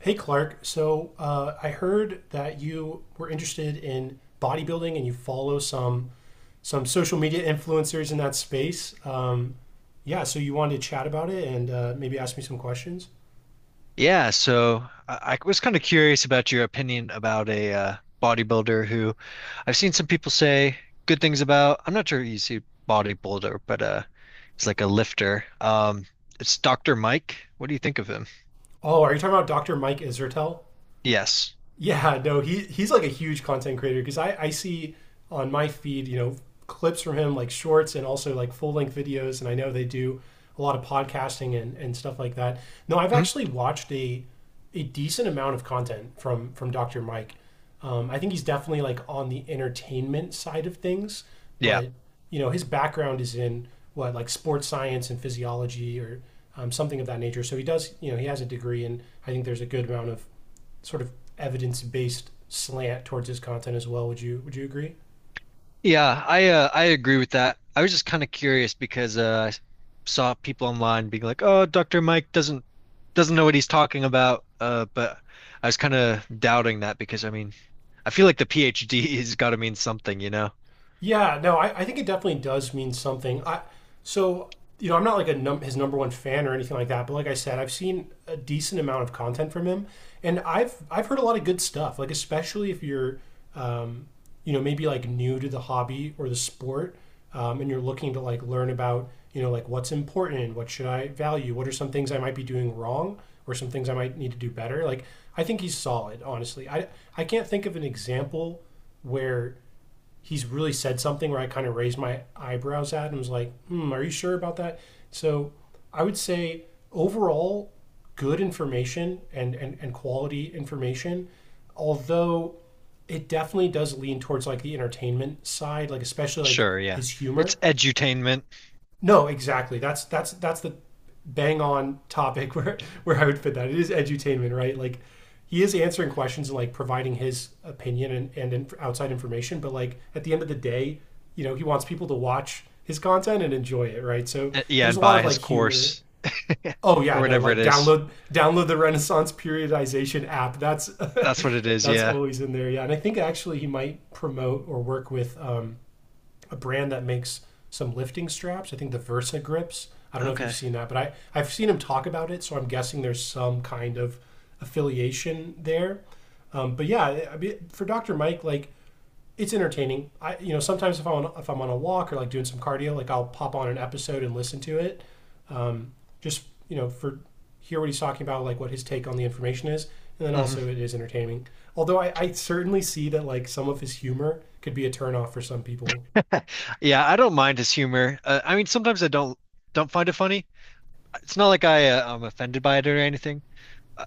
Hey, Clark. I heard that you were interested in bodybuilding and you follow some social media influencers in that space. Yeah, so you wanted to chat about it and maybe ask me some questions. Yeah, so I was kind of curious about your opinion about a bodybuilder who I've seen some people say good things about. I'm not sure you see bodybuilder, but he's like a lifter. It's Dr. Mike. What do you think of him? Oh, are you talking about Dr. Mike Isertel? Yes. Yeah, no, he's like a huge content creator because I see on my feed, you know, clips from him like shorts and also like full length videos, and I know they do a lot of podcasting and stuff like that. No, I've Mhm. actually watched a decent amount of content from Dr. Mike. I think he's definitely like on the entertainment side of things, Yeah. but you know his background is in what like sports science and physiology or something of that nature. So he does, you know, he has a degree, and I think there's a good amount of sort of evidence based slant towards his content as well. Would you agree? Yeah, I agree with that. I was just kind of curious because I saw people online being like, "Oh, Dr. Mike doesn't know what he's talking about." But I was kind of doubting that because I mean, I feel like the PhD has got to mean something, you know? Yeah, no, I think it definitely does mean something. I so You know I'm not like a his number one fan or anything like that, but like I said, I've seen a decent amount of content from him, and I've heard a lot of good stuff. Like especially if you're, um, you know, maybe like new to the hobby or the sport, and you're looking to like learn about you know like what's important, what should I value, what are some things I might be doing wrong, or some things I might need to do better. Like I think he's solid, honestly. I can't think of an example where he's really said something where I kind of raised my eyebrows at and was like, hmm, are you sure about that? So I would say overall, good information and quality information, although it definitely does lean towards like the entertainment side, like especially like Sure, yeah. his It's humor. edutainment. No, exactly. That's the bang on topic where I would fit that. It is edutainment, right? Like he is answering questions and like providing his opinion and outside information, but like at the end of the day, you know, he wants people to watch his content and enjoy it, right? So Yeah, there's a and lot buy of like his humor. course Oh or yeah, no, whatever it like is. download the Renaissance periodization app. That's That's what it is, that's yeah. always in there. Yeah, and I think actually he might promote or work with a brand that makes some lifting straps. I think the Versa grips. I don't know if you've Okay. seen that, but I've seen him talk about it, so I'm guessing there's some kind of affiliation there. Mean, for Dr. Mike, like it's entertaining. I you know sometimes if I'm on a walk or like doing some cardio, like I'll pop on an episode and listen to it. Um, just you know for hear what he's talking about, like what his take on the information is, and then also Hmm. it is entertaining. Although I certainly see that like some of his humor could be a turnoff for some people. Yeah, I don't mind his humor. I mean, sometimes I don't find it funny. It's not like I'm offended by it or anything.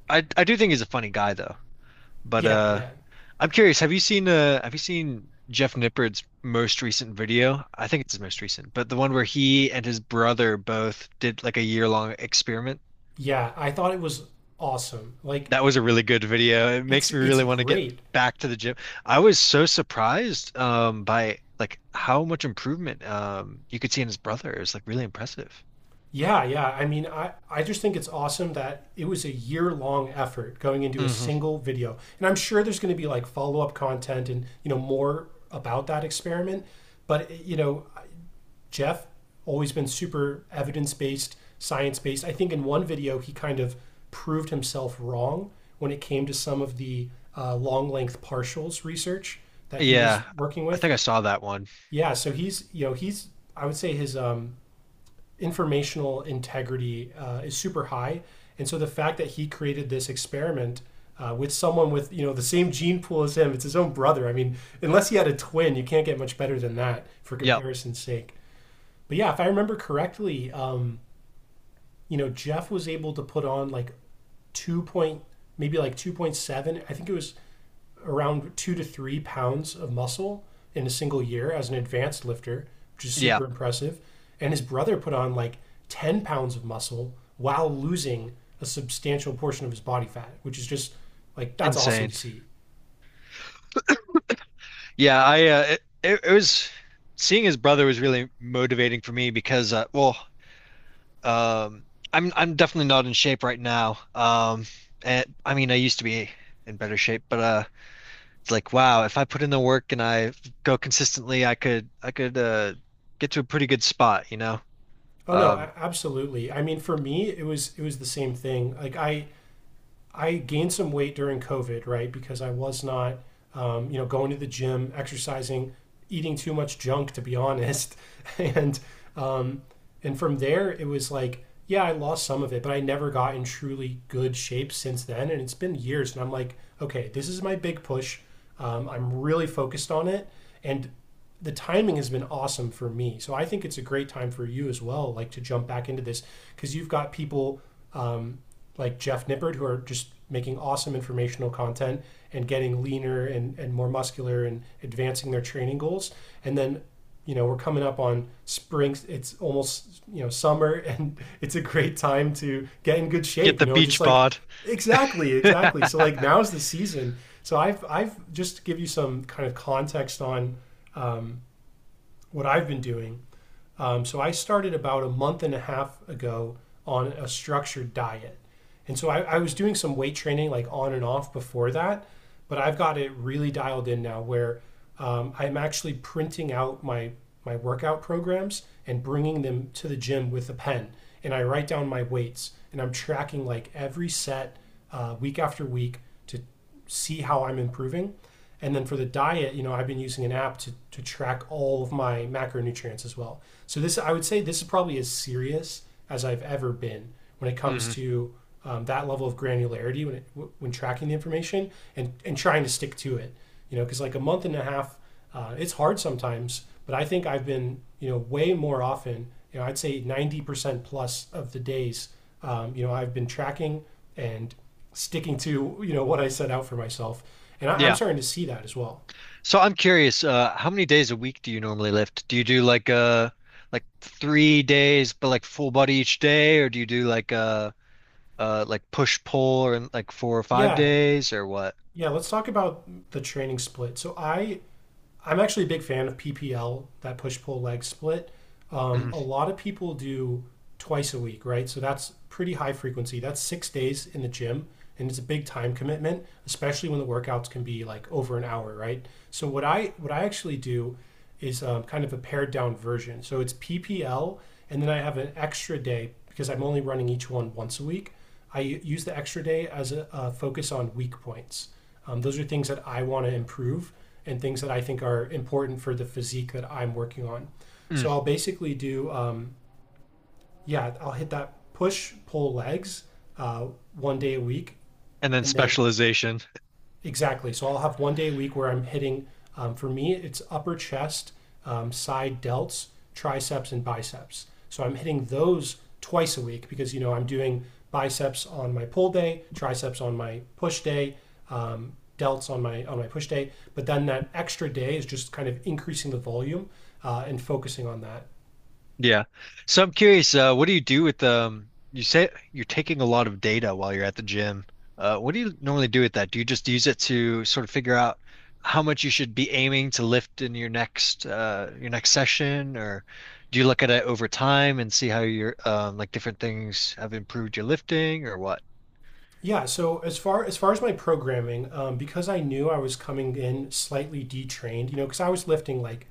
I do think he's a funny guy though. But Yeah, yeah. I'm curious, have you seen Jeff Nippard's most recent video? I think it's his most recent, but the one where he and his brother both did like a year-long experiment. Yeah, I thought it was awesome. Like That was a really good video. It it's makes me it's really want to get great. back to the gym. I was so surprised by like how much improvement you could see in his brother. It was like really impressive. Yeah, yeah. I mean, I just think it's awesome that it was a year-long effort going into a Hmm. single video. And I'm sure there's going to be like follow-up content and, you know, more about that experiment, but you know, Jeff always been super evidence-based, science-based. I think in one video he kind of proved himself wrong when it came to some of the long length partials research that he was Yeah. working I with. think I saw that one. Yeah, so he's, you know, I would say his informational integrity is super high. And so the fact that he created this experiment with someone with, you know, the same gene pool as him, it's his own brother. I mean, unless he had a twin, you can't get much better than that for Yep. comparison's sake. But yeah, if I remember correctly, you know, Jeff was able to put on like two point, maybe like 2.7. I think it was around 2 to 3 pounds of muscle in a single year as an advanced lifter, which is Yeah. super impressive. And his brother put on like 10 pounds of muscle while losing a substantial portion of his body fat, which is just like that's awesome Insane. to see. Yeah, I it, it it was seeing his brother was really motivating for me because well, um, I'm definitely not in shape right now. And I mean, I used to be in better shape, but it's like wow, if I put in the work and I go consistently, I could get to a pretty good spot, you know? Oh no, Um, absolutely. I mean, for me, it was the same thing. Like I gained some weight during COVID, right? Because I was not, you know, going to the gym, exercising, eating too much junk, to be honest. and um, and from there, it was like, yeah, I lost some of it, but I never got in truly good shape since then. And it's been years, and I'm like, okay, this is my big push. I'm really focused on it, and the timing has been awesome for me. So I think it's a great time for you as well, like to jump back into this because you've got people um, like Jeff Nippert who are just making awesome informational content and getting leaner and more muscular and advancing their training goals. And then, you know, we're coming up on spring. It's almost, you know, summer and it's a great time to get in good get shape, you the know, and just beach like, bod. exactly, exactly. So like now's the season. So I've just to give you some kind of context on um, what I've been doing so I started about a month and a half ago on a structured diet. And so I was doing some weight training like on and off before that, but I've got it really dialed in now where I'm actually printing out my workout programs and bringing them to the gym with a pen. And I write down my weights and I'm tracking like every set week after week to see how I'm improving. And then for the diet, you know, I've been using an app to track all of my macronutrients as well. So this, I would say, this is probably as serious as I've ever been when it comes Hmm. to that level of granularity when tracking the information and trying to stick to it. You know, because like a month and a half it's hard sometimes, but I think I've been, you know, way more often, you know, I'd say 90% plus of the days, you know, I've been tracking and sticking to, you know, what I set out for myself. And I'm Yeah. starting to see that as well. So I'm curious, how many days a week do you normally lift? Do you do like three days but like full body each day, or do you do like push pull or like four or five Yeah. days or what? Yeah. Let's talk about the training split. I'm actually a big fan of PPL, that push pull leg split. A lot of people do twice a week, right? So that's pretty high frequency. That's 6 days in the gym, and it's a big time commitment, especially when the workouts can be like over an hour, right? So what I actually do is kind of a pared down version. So it's PPL, and then I have an extra day because I'm only running each one once a week. I use the extra day as a focus on weak points. Those are things that I want to improve and things that I think are important for the physique that I'm working on. Mm, mm. So I'll basically do, yeah, I'll hit that push, pull legs uh, one day a week. And then And then specialization. exactly. So I'll have one day a week where I'm hitting, for me, it's upper chest, side delts, triceps, and biceps. So I'm hitting those twice a week because, you know, I'm doing biceps on my pull day, triceps on my push day, um, delts on my push day. But then that extra day is just kind of increasing the volume and focusing on that. Yeah. So I'm curious, what do you do with you say you're taking a lot of data while you're at the gym. What do you normally do with that? Do you just use it to sort of figure out how much you should be aiming to lift in your next session, or do you look at it over time and see how your like different things have improved your lifting or what? Yeah. So as far as far as my programming, because I knew I was coming in slightly detrained, you know, because I was lifting like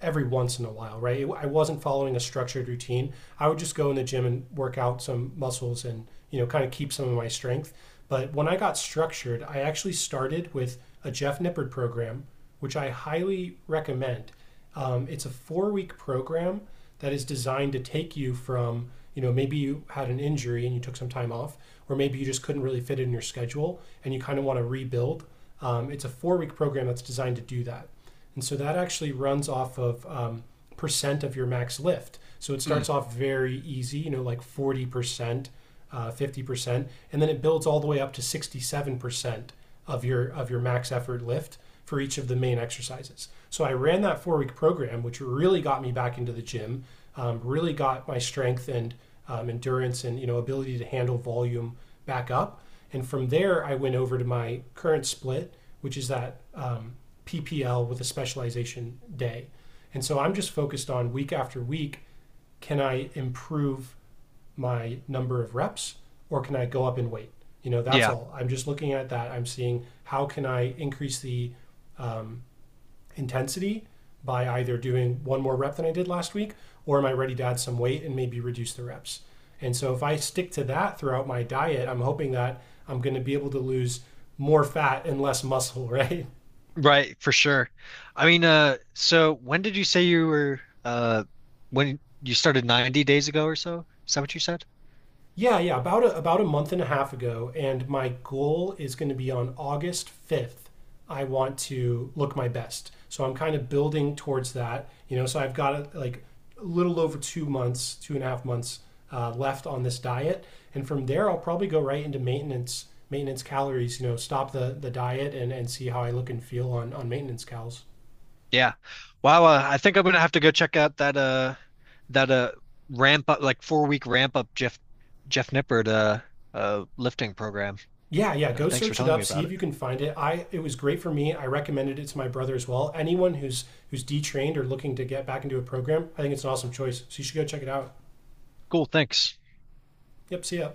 every once in a while, right? I wasn't following a structured routine. I would just go in the gym and work out some muscles and, you know, kind of keep some of my strength. But when I got structured, I actually started with a Jeff Nippard program, which I highly recommend. It's a 4 week program that is designed to take you from, you know, maybe you had an injury and you took some time off, or maybe you just couldn't really fit in your schedule and you kind of want to rebuild. It's a 4 week program that's designed to do that. And so that actually runs off of percent of your max lift. So it Mm, starts off very easy, you know, like 40%, 50%, and then it builds all the way up to 67% of your max effort lift for each of the main exercises. So I ran that 4 week program, which really got me back into the gym, really got my strength and endurance and you know ability to handle volume back up. And from there, I went over to my current split, which is that PPL with a specialization day. And so I'm just focused on week after week can I improve my number of reps or can I go up in weight? You know, that's yeah, all. I'm just looking at that. I'm seeing how can I increase the um, intensity by either doing one more rep than I did last week or am I ready to add some weight and maybe reduce the reps? And so if I stick to that throughout my diet, I'm hoping that I'm going to be able to lose more fat and less muscle, right? right, for sure. I mean, so when did you say you were when you started 90 days ago or so? Is that what you said? Yeah, yeah, about about a month and a half ago, and my goal is going to be on August 5th. I want to look my best. So I'm kind of building towards that, you know. So I've got like a little over 2 months, two and a half months left on this diet, and from there I'll probably go right into maintenance, maintenance calories. You know, stop the diet and see how I look and feel on maintenance calories. Yeah. Wow, I think I'm gonna have to go check out that that uh ramp up like four-week ramp up Jeff Nippert lifting program. Yeah, yeah. Go Thanks for search it telling me up. See about if it. you can find it. I It was great for me. I recommended it to my brother as well. Anyone who's detrained or looking to get back into a program, I think it's an awesome choice. So you should go check it out. Cool, thanks. Yep. See ya.